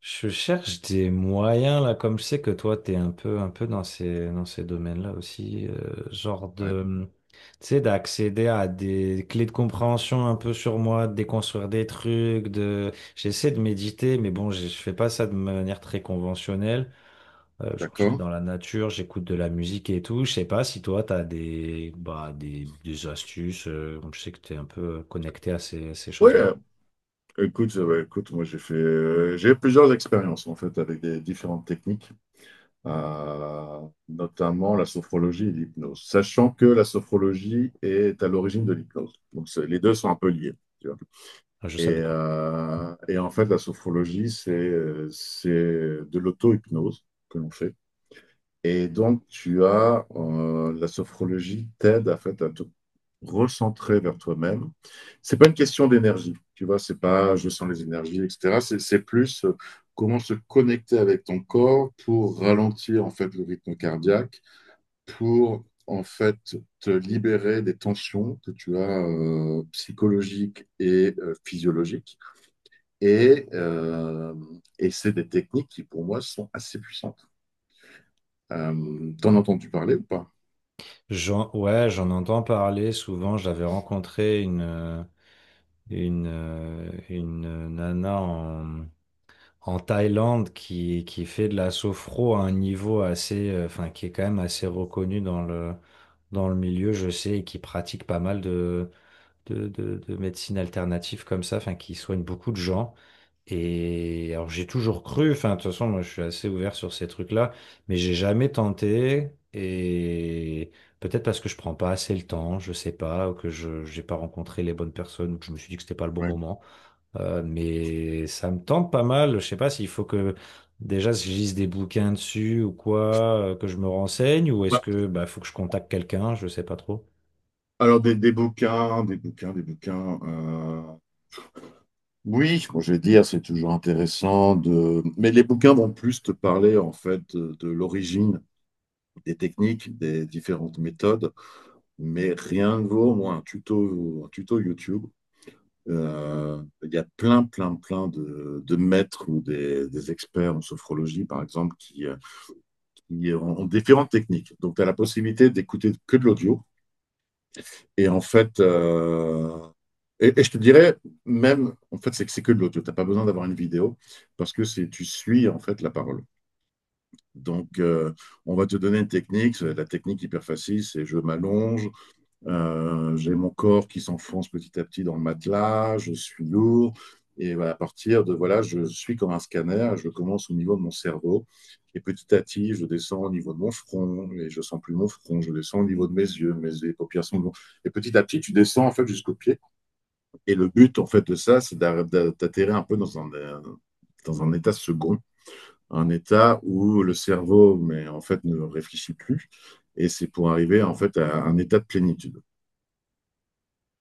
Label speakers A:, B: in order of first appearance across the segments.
A: Je cherche des moyens là, comme je sais que toi t'es un peu dans ces domaines-là aussi, genre
B: Ouais,
A: de tu sais, d'accéder à des clés de compréhension un peu sur moi, de déconstruire des trucs, de j'essaie de méditer, mais bon, je fais pas ça de manière très conventionnelle. Genre, je fais
B: d'accord.
A: dans la nature, j'écoute de la musique et tout. Je sais pas si toi t'as des bah des astuces. Je sais que t'es un peu connecté à ces
B: Oui,
A: choses-là.
B: écoute, ouais, écoute, moi j'ai fait, j'ai eu plusieurs expériences en fait avec des différentes techniques, euh, notamment la sophrologie et l'hypnose, sachant que la sophrologie est à l'origine de l'hypnose. Donc les deux sont un peu liés, tu vois.
A: Ah, je savais pas.
B: Et en fait, la sophrologie, c'est de l'auto-hypnose que l'on fait. Et donc, tu as la sophrologie t'aide à, fait, à te recentrer vers toi-même. C'est pas une question d'énergie, tu vois, c'est pas je sens les énergies, etc. C'est plus comment se connecter avec ton corps pour ralentir en fait le rythme cardiaque, pour en fait te libérer des tensions que tu as psychologiques et physiologiques. Et, euh, et c'est des techniques qui pour moi sont assez puissantes. T'en as entendu parler ou pas?
A: Ouais, j'en entends parler souvent. J'avais rencontré une nana en Thaïlande qui fait de la sophro à un niveau assez, enfin, qui est quand même assez reconnu dans dans le milieu, je sais, et qui pratique pas mal de médecine alternative comme ça, enfin, qui soigne beaucoup de gens. Et alors j'ai toujours cru, enfin de toute façon moi je suis assez ouvert sur ces trucs-là, mais j'ai jamais tenté et peut-être parce que je prends pas assez le temps, je sais pas, ou que je j'ai pas rencontré les bonnes personnes, ou que je me suis dit que c'était pas le bon
B: Ouais.
A: moment. Mais ça me tente pas mal, je sais pas s'il faut que déjà si je lise des bouquins dessus ou quoi, que je me renseigne, ou est-ce
B: Bah,
A: que bah faut que je contacte quelqu'un, je sais pas trop.
B: alors des bouquins, des bouquins, des bouquins. Oui, bon, je vais dire, c'est toujours intéressant de. Mais les bouquins vont plus te parler en fait de l'origine des techniques, des différentes méthodes. Mais rien ne vaut moi un tuto YouTube. Il y a plein, plein, plein de maîtres ou des experts en sophrologie, par exemple, qui ont, ont différentes techniques. Donc, tu as la possibilité d'écouter que de l'audio. Et en fait, je te dirais même, en fait, c'est que de l'audio. Tu n'as pas besoin d'avoir une vidéo parce que c'est tu suis en fait la parole. Donc, on va te donner une technique. C'est La technique hyper facile, c'est je m'allonge, j'ai mon corps qui s'enfonce petit à petit dans le matelas, je suis lourd. Et voilà, à partir de, voilà, je suis comme un scanner, je commence au niveau de mon cerveau. Et petit à petit, je descends au niveau de mon front, et je ne sens plus mon front, je descends au niveau de mes yeux, mes les paupières sont lourdes. Et petit à petit, tu descends en fait jusqu'aux pieds. Et le but en fait de ça, c'est d'atterrir un peu dans un état second, un état où le cerveau, mais en fait, ne réfléchit plus. Et c'est pour arriver en fait à un état de plénitude.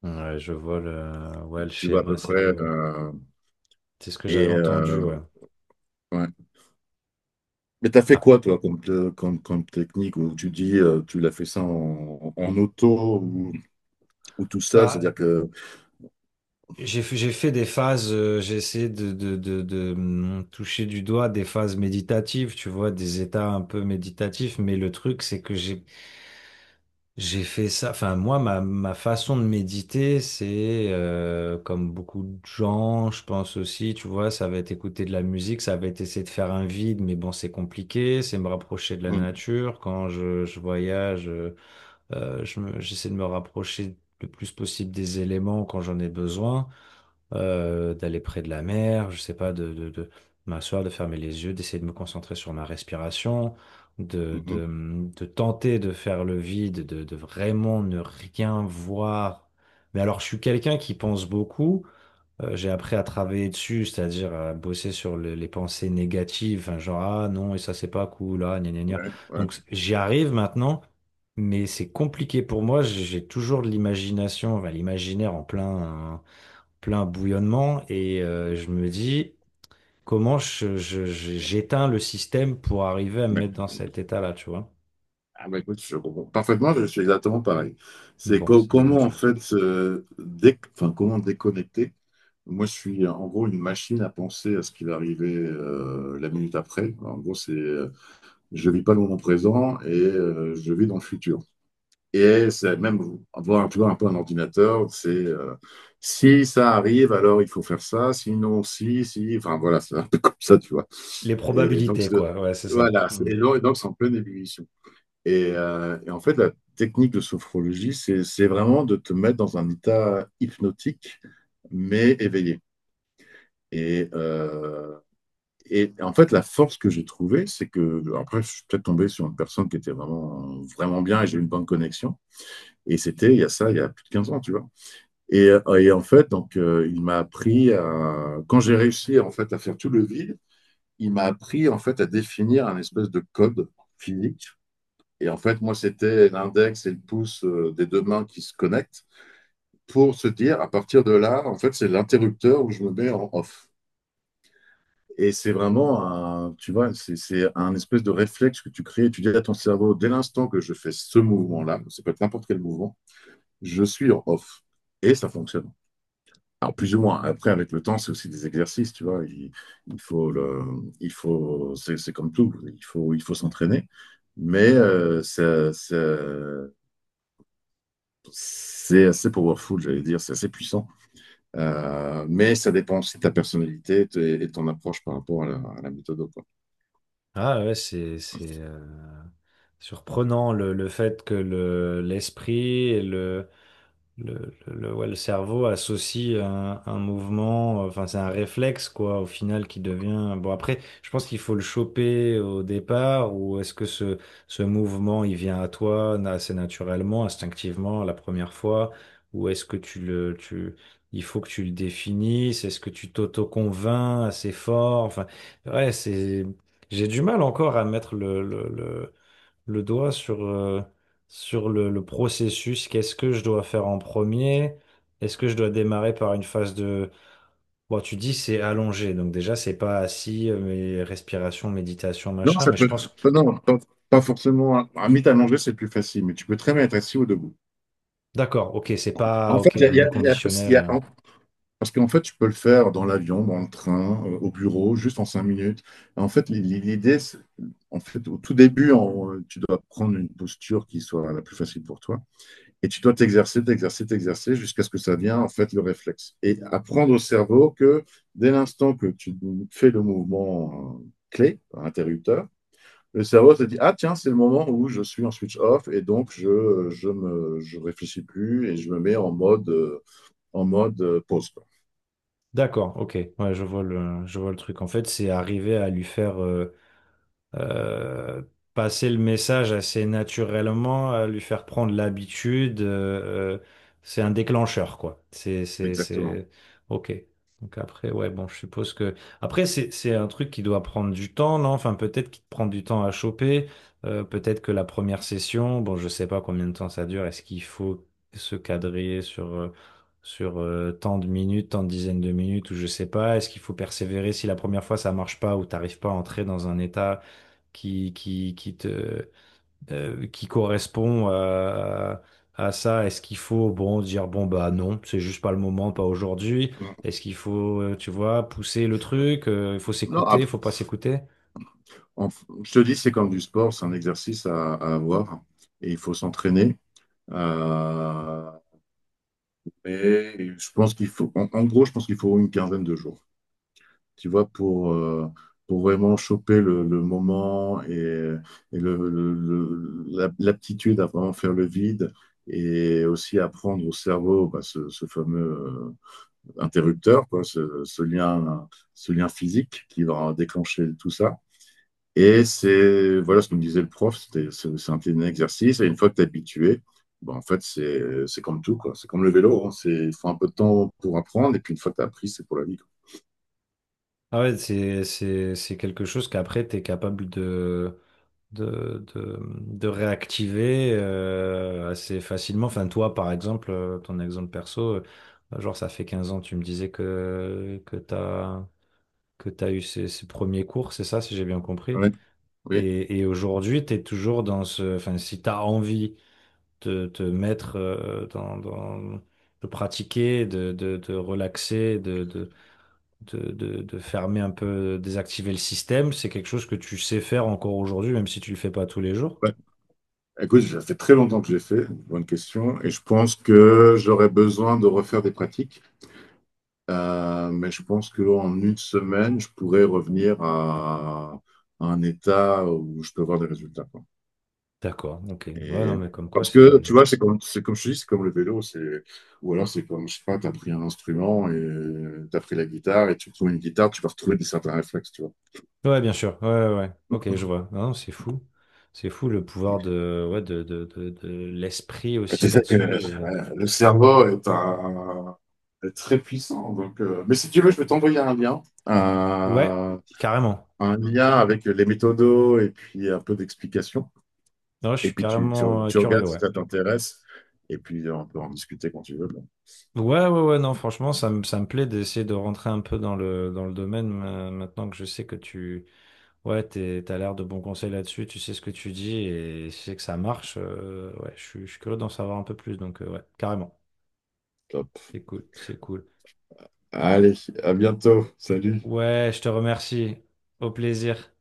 A: Ouais, je vois le ouais le
B: Tu vois à
A: schéma,
B: peu
A: c'est
B: près.
A: vrai, c'est ce que
B: Et,
A: j'avais entendu,
B: euh,
A: ouais.
B: ouais. Mais t'as fait
A: Ah,
B: quoi, toi, comme, comme, comme technique, où tu dis, tu l'as fait ça en, en auto ou tout seul,
A: bah,
B: c'est-à-dire que...
A: J'ai fait des phases, j'ai essayé de toucher du doigt des phases méditatives, tu vois, des états un peu méditatifs, mais le truc, c'est que j'ai fait ça, enfin, moi, ma façon de méditer, c'est, comme beaucoup de gens, je pense aussi, tu vois, ça va être écouter de la musique, ça va être essayer de faire un vide, mais bon, c'est compliqué, c'est me rapprocher de la
B: Mhm,
A: nature, quand je voyage, je j'essaie de me rapprocher le plus possible des éléments quand j'en ai besoin, d'aller près de la mer, je sais pas, de m'asseoir, de fermer les yeux, d'essayer de me concentrer sur ma respiration, de,
B: mhm,
A: de, de tenter de faire le vide, de vraiment ne rien voir. Mais alors, je suis quelqu'un qui pense beaucoup. J'ai appris à travailler dessus, c'est-à-dire à bosser sur les pensées négatives, hein, genre ah non, et ça c'est pas cool, ah gna gna gna.
B: ouais, ouais,
A: Donc j'y arrive maintenant, mais c'est compliqué pour moi, j'ai toujours de l'imagination, enfin, l'imaginaire en plein bouillonnement et je me dis comment j'éteins le système pour arriver à me
B: ouais.
A: mettre dans cet état-là, tu vois.
B: Ah bah écoute, je comprends parfaitement, je suis exactement pareil.
A: Bon, c'est une bonne
B: Comment, en
A: chose.
B: fait, enfin, comment déconnecter? Moi, je suis en gros une machine à penser à ce qui va arriver la minute après. En gros, c'est, je vis pas le moment présent et je vis dans le futur. Et c'est même avoir un peu un ordinateur, c'est si ça arrive, alors il faut faire ça, sinon, si, si, enfin voilà, c'est un peu comme ça, tu vois.
A: Les
B: Et donc,
A: probabilités,
B: c'est-
A: quoi. Ouais, c'est ça.
B: voilà, c'est-
A: Hmm.
B: et donc, et donc, c'est en pleine ébullition. Et en fait, la technique de sophrologie, c'est vraiment de te mettre dans un état hypnotique, mais éveillé. Et, euh, et en fait, la force que j'ai trouvée, c'est que, après, je suis peut-être tombé sur une personne qui était vraiment, vraiment bien et j'ai eu une bonne connexion. Et c'était il y a ça, il y a plus de 15 ans, tu vois. Et en fait, donc, il m'a appris à, quand j'ai réussi en fait à faire tout le vide, il m'a appris en fait à définir un espèce de code physique. Et en fait, moi, c'était l'index et le pouce des deux mains qui se connectent pour se dire, à partir de là, en fait, c'est l'interrupteur où je me mets en off. Et c'est vraiment un, tu vois, c'est un espèce de réflexe que tu crées. Tu dis à ton cerveau, dès l'instant que je fais ce mouvement-là, ça peut être n'importe quel mouvement, je suis en off. Et ça fonctionne. Alors, plus ou moins. Après, avec le temps, c'est aussi des exercices, tu vois. Il faut le, il faut, c'est comme tout. Il faut s'entraîner. Mais euh, c'est assez powerful, j'allais dire. C'est assez puissant. Mais ça dépend aussi de ta personnalité et et ton approche par rapport à la méthode, quoi.
A: Ah ouais, c'est surprenant le fait que le l'esprit et ouais, le cerveau associe un mouvement, enfin c'est un réflexe quoi, au final qui devient. Bon après, je pense qu'il faut le choper au départ, ou est-ce que ce mouvement il vient à toi assez naturellement, instinctivement la première fois, ou est-ce que il faut que tu le définisses, est-ce que tu t'auto-convaincs assez fort, enfin ouais c'est, j'ai du mal encore à mettre le doigt sur, sur le processus. Qu'est-ce que je dois faire en premier? Est-ce que je dois démarrer par une phase de… Bon, tu dis c'est allongé, donc déjà c'est pas assis, mais respiration, méditation,
B: Non,
A: machin,
B: ça
A: mais je
B: peut,
A: pense…
B: non, pas, pas forcément. Un mythe à manger, c'est plus facile, mais tu peux très bien être assis ou debout.
A: D'accord, ok, c'est pas…
B: En fait,
A: Ok,
B: il y a, il
A: un
B: y a- il y a- il y
A: inconditionnel.
B: a- parce qu'en fait, tu peux le faire dans l'avion, dans le train, au bureau, juste en 5 minutes. En fait, l'idée, en fait, au tout début, tu dois prendre une posture qui soit la plus facile pour toi. Et tu dois t'exercer, t'exercer, t'exercer jusqu'à ce que ça vienne, en fait, le réflexe. Et apprendre au cerveau que dès l'instant que tu fais le mouvement clé, interrupteur, le cerveau se dit, ah tiens, c'est le moment où je suis en switch off et donc je réfléchis plus et je me mets en mode, en mode pause, quoi.
A: D'accord, ok, ouais, je vois je vois le truc. En fait, c'est arriver à lui faire… euh, passer le message assez naturellement, lui faire prendre l'habitude, c'est un déclencheur, quoi.
B: Exactement.
A: C'est, ok. Donc après, ouais, bon, je suppose que après c'est un truc qui doit prendre du temps, non? Enfin, peut-être qu'il te prend du temps à choper. Peut-être que la première session, bon, je sais pas combien de temps ça dure. Est-ce qu'il faut se cadrer sur tant de minutes, tant de dizaines de minutes, ou je sais pas, est-ce qu'il faut persévérer si la première fois ça marche pas ou t'arrives pas à entrer dans un état qui te, qui correspond à ça. Est-ce qu'il faut, bon, dire, bon, bah non, c'est juste pas le moment, pas aujourd'hui. Est-ce qu'il faut, tu vois, pousser le truc, il faut
B: Non,
A: s'écouter, il
B: après,
A: faut pas s'écouter.
B: en- je te dis, c'est comme du sport, c'est un exercice à avoir et il faut s'entraîner. Euh, mais je pense qu'il faut, en, en gros, je pense qu'il faut une 15aine de jours, tu vois, pour vraiment choper le moment et le, l'aptitude à vraiment faire le vide et aussi apprendre au cerveau bah, ce fameux interrupteur, quoi, ce, ce lien physique qui va déclencher tout ça. Et c'est, voilà ce que me disait le prof, c'était, c'est un petit exercice, et une fois que tu es habitué, ben, en fait, c'est comme tout, quoi. C'est comme le vélo, hein. C'est, il faut un peu de temps pour apprendre, et puis une fois que tu as appris, c'est pour la vie, quoi.
A: Ah ouais, c'est quelque chose qu'après, tu es capable de réactiver assez facilement. Enfin, toi, par exemple, ton exemple perso, genre, ça fait 15 ans, tu me disais que tu as eu ces premiers cours, c'est ça, si j'ai bien compris.
B: Ouais. Oui,
A: Et aujourd'hui, tu es toujours dans ce… Enfin, si tu as envie de te mettre dans, de pratiquer, de relaxer, de fermer un peu, désactiver le système, c'est quelque chose que tu sais faire encore aujourd'hui, même si tu le fais pas tous les jours.
B: ouais. Écoute, ça fait très longtemps que j'ai fait, bonne question, et je pense que j'aurais besoin de refaire des pratiques. Mais je pense qu'en une semaine, je pourrais revenir à un état où je peux avoir des résultats.
A: D'accord, ok. Ouais,
B: Et
A: non, mais comme quoi,
B: parce que,
A: c'est…
B: tu vois, c'est comme je te dis, c'est comme le vélo, c'est, ou alors c'est comme, je sais pas, t'as pris un instrument et t'as pris la guitare et tu trouves une guitare, tu vas retrouver des certains réflexes, tu vois.
A: Ouais, bien sûr. Ouais, ouais, ouais. Ok, je vois. Non, c'est fou. C'est fou le pouvoir de, ouais, de l'esprit
B: Et
A: aussi
B: tu sais que
A: là-dessus.
B: le cerveau est un, est très puissant. Donc, mais si tu veux, je vais t'envoyer
A: Ouais,
B: euh,
A: carrément.
B: un lien avec les méthodos et puis un peu d'explication.
A: Non, je
B: Et
A: suis
B: puis
A: carrément
B: tu
A: curieux,
B: regardes si
A: ouais.
B: ça t'intéresse. Et puis on peut en discuter quand tu veux. Bon,
A: Ouais, ouais, ouais, non, franchement, ça me plaît d'essayer de rentrer un peu dans dans le domaine maintenant que je sais que tu, ouais, t'as l'air de bons conseils là-dessus, tu sais ce que tu dis et tu sais que ça marche. Ouais, je suis curieux d'en savoir un peu plus, donc ouais, carrément.
B: top.
A: C'est cool, c'est cool.
B: Allez, à bientôt. Salut.
A: Ouais, je te remercie. Au plaisir.